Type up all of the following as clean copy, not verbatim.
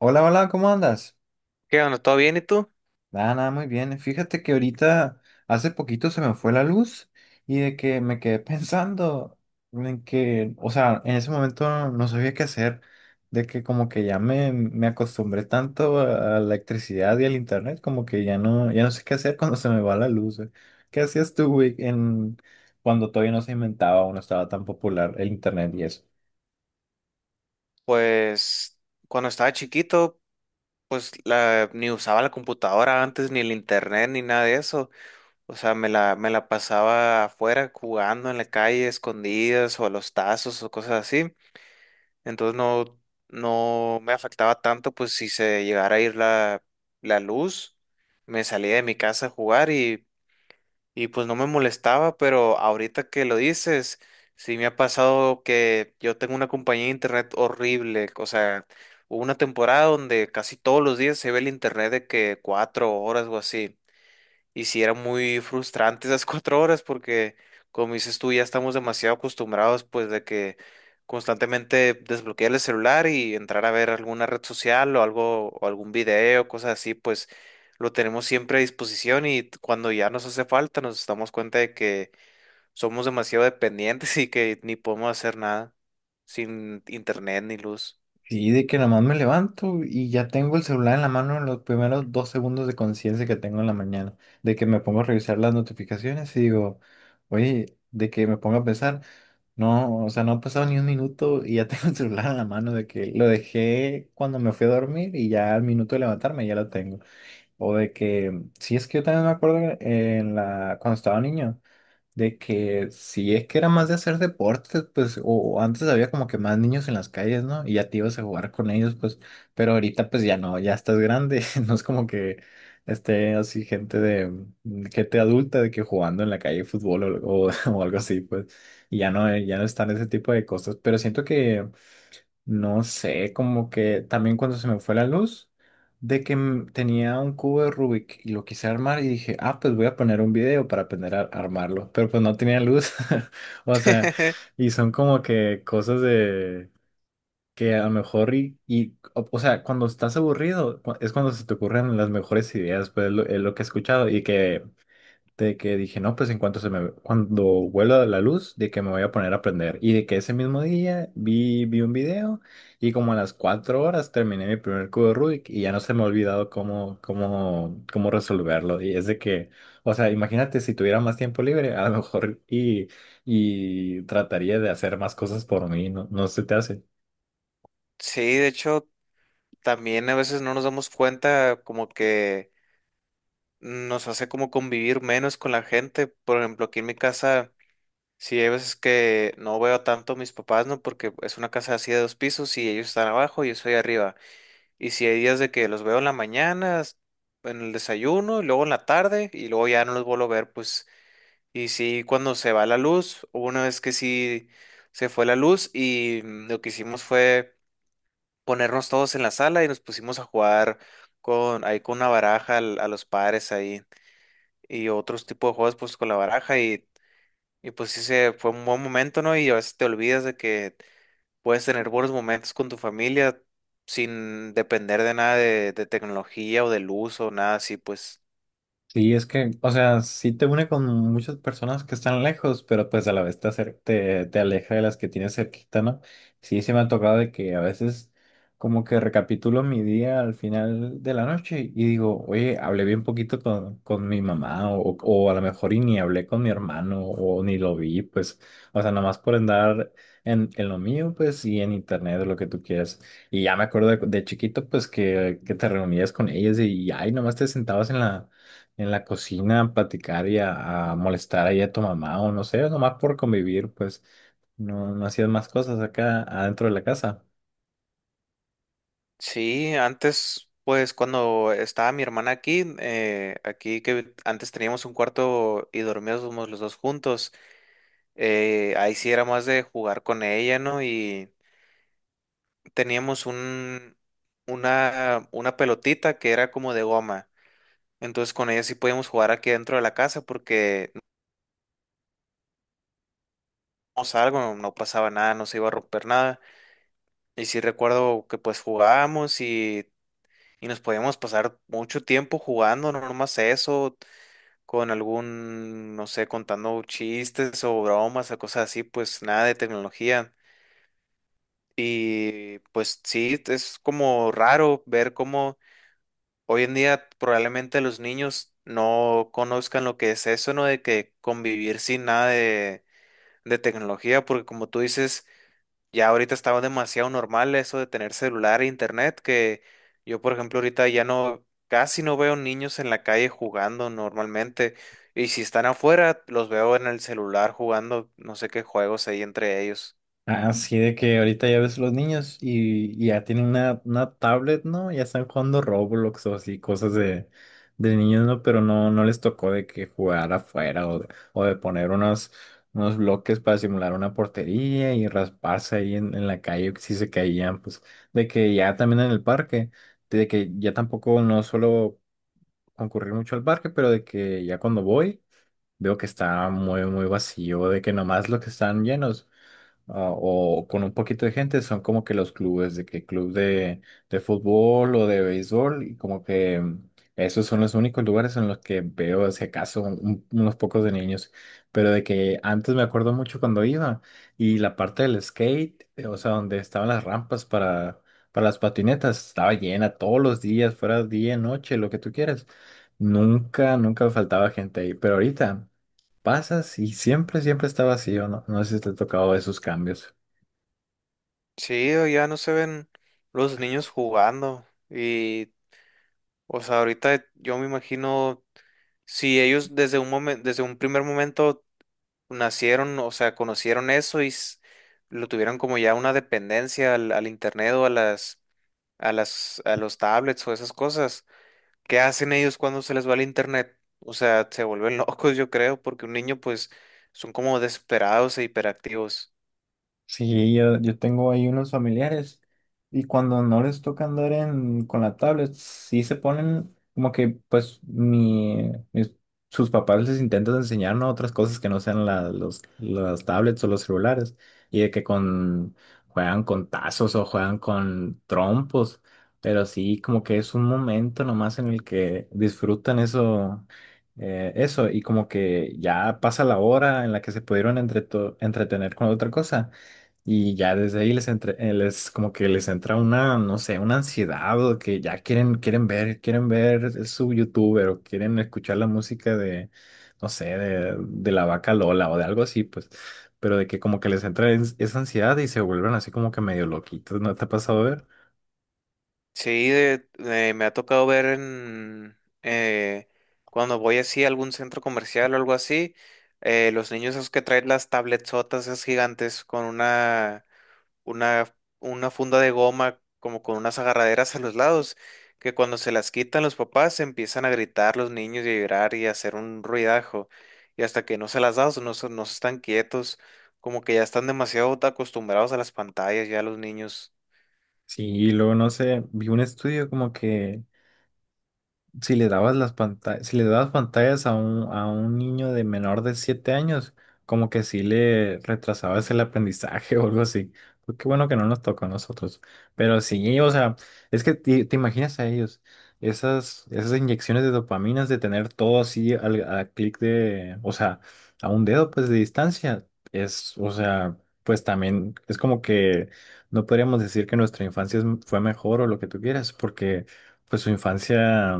Hola, hola, ¿cómo andas? ¿Qué onda? ¿Todo bien y tú? Nada, nada, muy bien. Fíjate que ahorita hace poquito se me fue la luz y de que me quedé pensando en que, o sea, en ese momento no sabía qué hacer, de que como que ya me acostumbré tanto a la electricidad y al internet, como que ya no, ya no sé qué hacer cuando se me va la luz, güey. ¿Qué hacías tú, güey, en cuando todavía no se inventaba o no estaba tan popular el internet y eso? Pues cuando estaba chiquito, pues ni usaba la computadora antes, ni el internet, ni nada de eso. O sea, me la pasaba afuera jugando en la calle, escondidas, o a los tazos, o cosas así. Entonces no, no me afectaba tanto, pues si se llegara a ir la luz, me salía de mi casa a jugar. Y pues no me molestaba, pero ahorita que lo dices, sí me ha pasado que yo tengo una compañía de internet horrible. O sea, hubo una temporada donde casi todos los días se ve el internet de que cuatro horas o así. Y sí, era muy frustrante esas cuatro horas porque, como dices tú, ya estamos demasiado acostumbrados, pues de que constantemente desbloquear el celular y entrar a ver alguna red social o algo, o algún video, cosas así, pues lo tenemos siempre a disposición, y cuando ya nos hace falta nos damos cuenta de que somos demasiado dependientes y que ni podemos hacer nada sin internet ni luz. Sí, de que nomás me levanto y ya tengo el celular en la mano en los primeros 2 segundos de conciencia que tengo en la mañana. De que me pongo a revisar las notificaciones y digo, oye, de que me pongo a pensar, no, o sea, no ha pasado ni un minuto y ya tengo el celular en la mano, de que lo dejé cuando me fui a dormir y ya al minuto de levantarme ya lo tengo. O de que, sí, es que yo también me acuerdo cuando estaba niño de que si es que era más de hacer deportes, pues, o antes había como que más niños en las calles, ¿no? Y ya te ibas a jugar con ellos, pues, pero ahorita pues ya no, ya estás grande, no es como que esté así gente de gente adulta de que jugando en la calle fútbol o algo así, pues, y ya no, ya no están ese tipo de cosas, pero siento que no sé, como que también cuando se me fue la luz, de que tenía un cubo de Rubik y lo quise armar y dije, ah, pues voy a poner un video para aprender a armarlo, pero pues no tenía luz. O sea, y son como que cosas de que a lo mejor o sea, cuando estás aburrido es cuando se te ocurren las mejores ideas, pues es lo que he escuchado y que de que dije, no, pues en cuanto se me, cuando vuelva la luz, de que me voy a poner a aprender. Y de que ese mismo día vi un video y como a las 4 horas terminé mi primer cubo de Rubik y ya no se me ha olvidado cómo resolverlo. Y es de que, o sea, imagínate si tuviera más tiempo libre, a lo mejor y trataría de hacer más cosas por mí, ¿no? ¿No se te hace? Sí, de hecho, también a veces no nos damos cuenta como que nos hace como convivir menos con la gente. Por ejemplo, aquí en mi casa, sí hay veces que no veo tanto a mis papás, ¿no? Porque es una casa así de dos pisos y ellos están abajo y yo estoy arriba. Y si hay días de que los veo en la mañana, en el desayuno, y luego en la tarde, y luego ya no los vuelvo a ver, pues. Y sí, cuando se va la luz, hubo una vez que sí se fue la luz y mm, lo que hicimos fue ponernos todos en la sala, y nos pusimos a jugar con, ahí con una baraja, a los padres ahí, y otros tipos de juegos pues con la baraja. Y, y pues sí, se fue un buen momento, ¿no? Y a veces te olvidas de que puedes tener buenos momentos con tu familia sin depender de nada de, de tecnología o del uso, nada así, pues Sí, es que, o sea, sí te une con muchas personas que están lejos, pero pues a la vez te aleja de las que tienes cerquita, ¿no? Sí, se me ha tocado de que a veces como que recapitulo mi día al final de la noche y digo, oye, hablé bien poquito con mi mamá o a lo mejor y ni hablé con mi hermano o ni lo vi, pues, o sea, nada más por andar en lo mío, pues, y en internet o lo que tú quieras. Y ya me acuerdo de chiquito, pues, que te reunías con ellos y, ay, nomás te sentabas en la cocina a platicar a molestar ahí a tu mamá o no sé, nomás por convivir, pues no, no hacías más cosas acá adentro de la casa. sí. Antes pues cuando estaba mi hermana aquí, aquí que antes teníamos un cuarto y dormíamos los dos juntos, ahí sí era más de jugar con ella, ¿no? Y teníamos un... una pelotita que era como de goma. Entonces con ella sí podíamos jugar aquí dentro de la casa porque no salgo, no, no pasaba nada, no se iba a romper nada. Y sí recuerdo que pues jugábamos, y nos podíamos pasar mucho tiempo jugando, no nomás eso, con algún, no sé, contando chistes o bromas o cosas así, pues nada de tecnología. Y pues sí, es como raro ver cómo hoy en día probablemente los niños no conozcan lo que es eso, ¿no? De que convivir sin nada de tecnología, porque como tú dices, ya ahorita estaba demasiado normal eso de tener celular e internet, que yo, por ejemplo, ahorita ya no, casi no veo niños en la calle jugando normalmente, y si están afuera, los veo en el celular jugando, no sé qué juegos hay entre ellos. Así de que ahorita ya ves los niños y ya tienen una tablet, ¿no? Ya están jugando Roblox o así, cosas de niños, ¿no? Pero no, no les tocó de que jugar afuera o de poner unos, unos bloques para simular una portería y rasparse ahí en la calle si se caían, pues de que ya también en el parque, de que ya tampoco no suelo concurrir mucho al parque, pero de que ya cuando voy veo que está muy, muy vacío, de que nomás los que están llenos ah, o con un poquito de gente son como que los clubes, de que club de fútbol o de béisbol, y como que mm, esos son los únicos lugares en los que veo, si acaso, unos pocos de niños, pero de que antes me acuerdo mucho cuando iba y la parte del skate, o sea, donde estaban las rampas para las patinetas, estaba llena todos los días, fuera día, noche, lo que tú quieras. Nunca, nunca faltaba gente ahí, pero ahorita pasas y siempre, siempre está vacío, ¿no? No sé si te ha tocado esos cambios. Sí, o ya no se ven los niños jugando, y, o sea, ahorita yo me imagino, si ellos desde un momento, desde un primer momento nacieron, o sea, conocieron eso y lo tuvieron como ya una dependencia al internet o a a las, a los tablets o esas cosas. ¿Qué hacen ellos cuando se les va el internet? O sea, se vuelven locos, yo creo, porque un niño, pues, son como desesperados e hiperactivos. Sí, yo tengo ahí unos familiares y cuando no les toca andar con la tablet, sí se ponen como que pues sus papás les intentan enseñar ¿no? otras cosas que no sean las tablets o los celulares y de que con, juegan con tazos o juegan con trompos, pero sí como que es un momento nomás en el que disfrutan eso. Eh, eso, y como que ya pasa la hora en la que se pudieron entretener con otra cosa. Y ya desde ahí les entre les como que les entra una, no sé, una ansiedad o que ya quieren, quieren ver su youtuber o quieren escuchar la música de, no sé, de la vaca Lola o de algo así, pues, pero de que como que esa ansiedad y se vuelven así como que medio loquitos, ¿no te ha pasado a ver? Sí, me ha tocado ver en eh, cuando voy así a algún centro comercial o algo así, los niños esos que traen las tabletzotas esas gigantes con una, una funda de goma como con unas agarraderas a los lados, que cuando se las quitan los papás empiezan a gritar los niños y a llorar y a hacer un ruidajo. Y hasta que no se las das, no, no se están quietos, como que ya están demasiado acostumbrados a las pantallas ya los niños. Sí, y luego no sé, vi un estudio como que si le dabas las pantallas, si le dabas pantallas a a un niño de menor de 7 años, como que sí le retrasabas el aprendizaje o algo así. Pues qué bueno que no nos tocó a nosotros. Pero sí, o sea, es que te imaginas a ellos, esas inyecciones de dopaminas de tener todo así a clic de, o sea, a un dedo pues de distancia, es, o sea, pues también es como que no podríamos decir que nuestra infancia fue mejor o lo que tú quieras, porque pues su infancia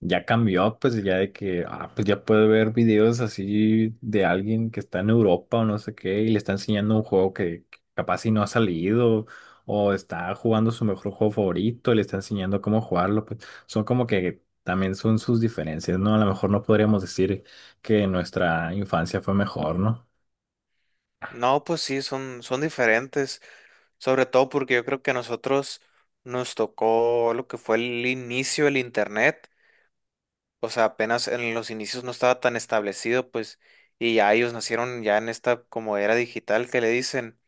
ya cambió, pues ya de que, ah, pues ya puede ver videos así de alguien que está en Europa o no sé qué y le está enseñando un juego que capaz si no ha salido o está jugando su mejor juego favorito y le está enseñando cómo jugarlo, pues son como que también son sus diferencias, ¿no? A lo mejor no podríamos decir que nuestra infancia fue mejor, ¿no? No, pues sí, son, son diferentes, sobre todo porque yo creo que a nosotros nos tocó lo que fue el inicio del internet. O sea, apenas en los inicios no estaba tan establecido, pues, y ya ellos nacieron ya en esta como era digital que le dicen,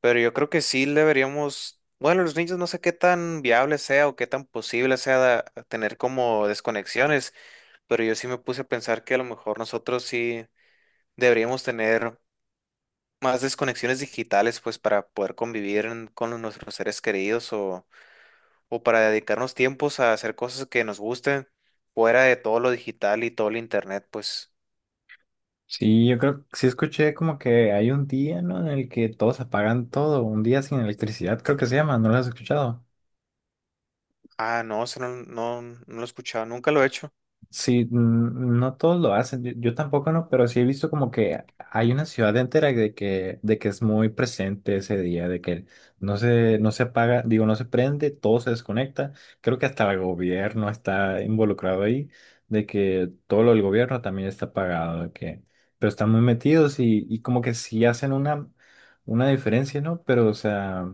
pero yo creo que sí deberíamos, bueno, los niños no sé qué tan viable sea o qué tan posible sea tener como desconexiones, pero yo sí me puse a pensar que a lo mejor nosotros sí deberíamos tener más desconexiones digitales, pues, para poder convivir con nuestros seres queridos, o para dedicarnos tiempos a hacer cosas que nos gusten fuera de todo lo digital y todo el internet, pues. Sí, yo creo que sí escuché como que hay un día, ¿no? En el que todos apagan todo, un día sin electricidad, creo que se llama, ¿no lo has escuchado? Ah, no, eso no, no, no lo he escuchado, nunca lo he hecho. Sí, mm, no todos lo hacen, yo tampoco no, pero sí he visto como que hay una ciudad entera de que es muy presente ese día, de que no se apaga, digo, no se prende, todo se desconecta. Creo que hasta el gobierno está involucrado ahí, de que todo lo del gobierno también está apagado, de que, pero están muy metidos y como que sí hacen una diferencia, ¿no? Pero, o sea,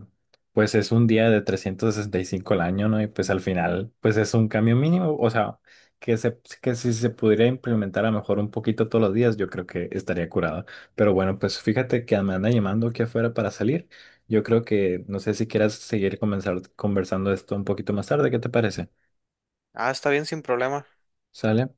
pues es un día de 365 al año, ¿no? Y pues al final, pues es un cambio mínimo, o sea que si se pudiera implementar a lo mejor un poquito todos los días, yo creo que estaría curado. Pero bueno, pues fíjate que me anda llamando aquí afuera para salir. Yo creo que no sé si quieras seguir comenzar, conversando esto un poquito más tarde, ¿qué te parece? Ah, está bien, sin problema. ¿Sale?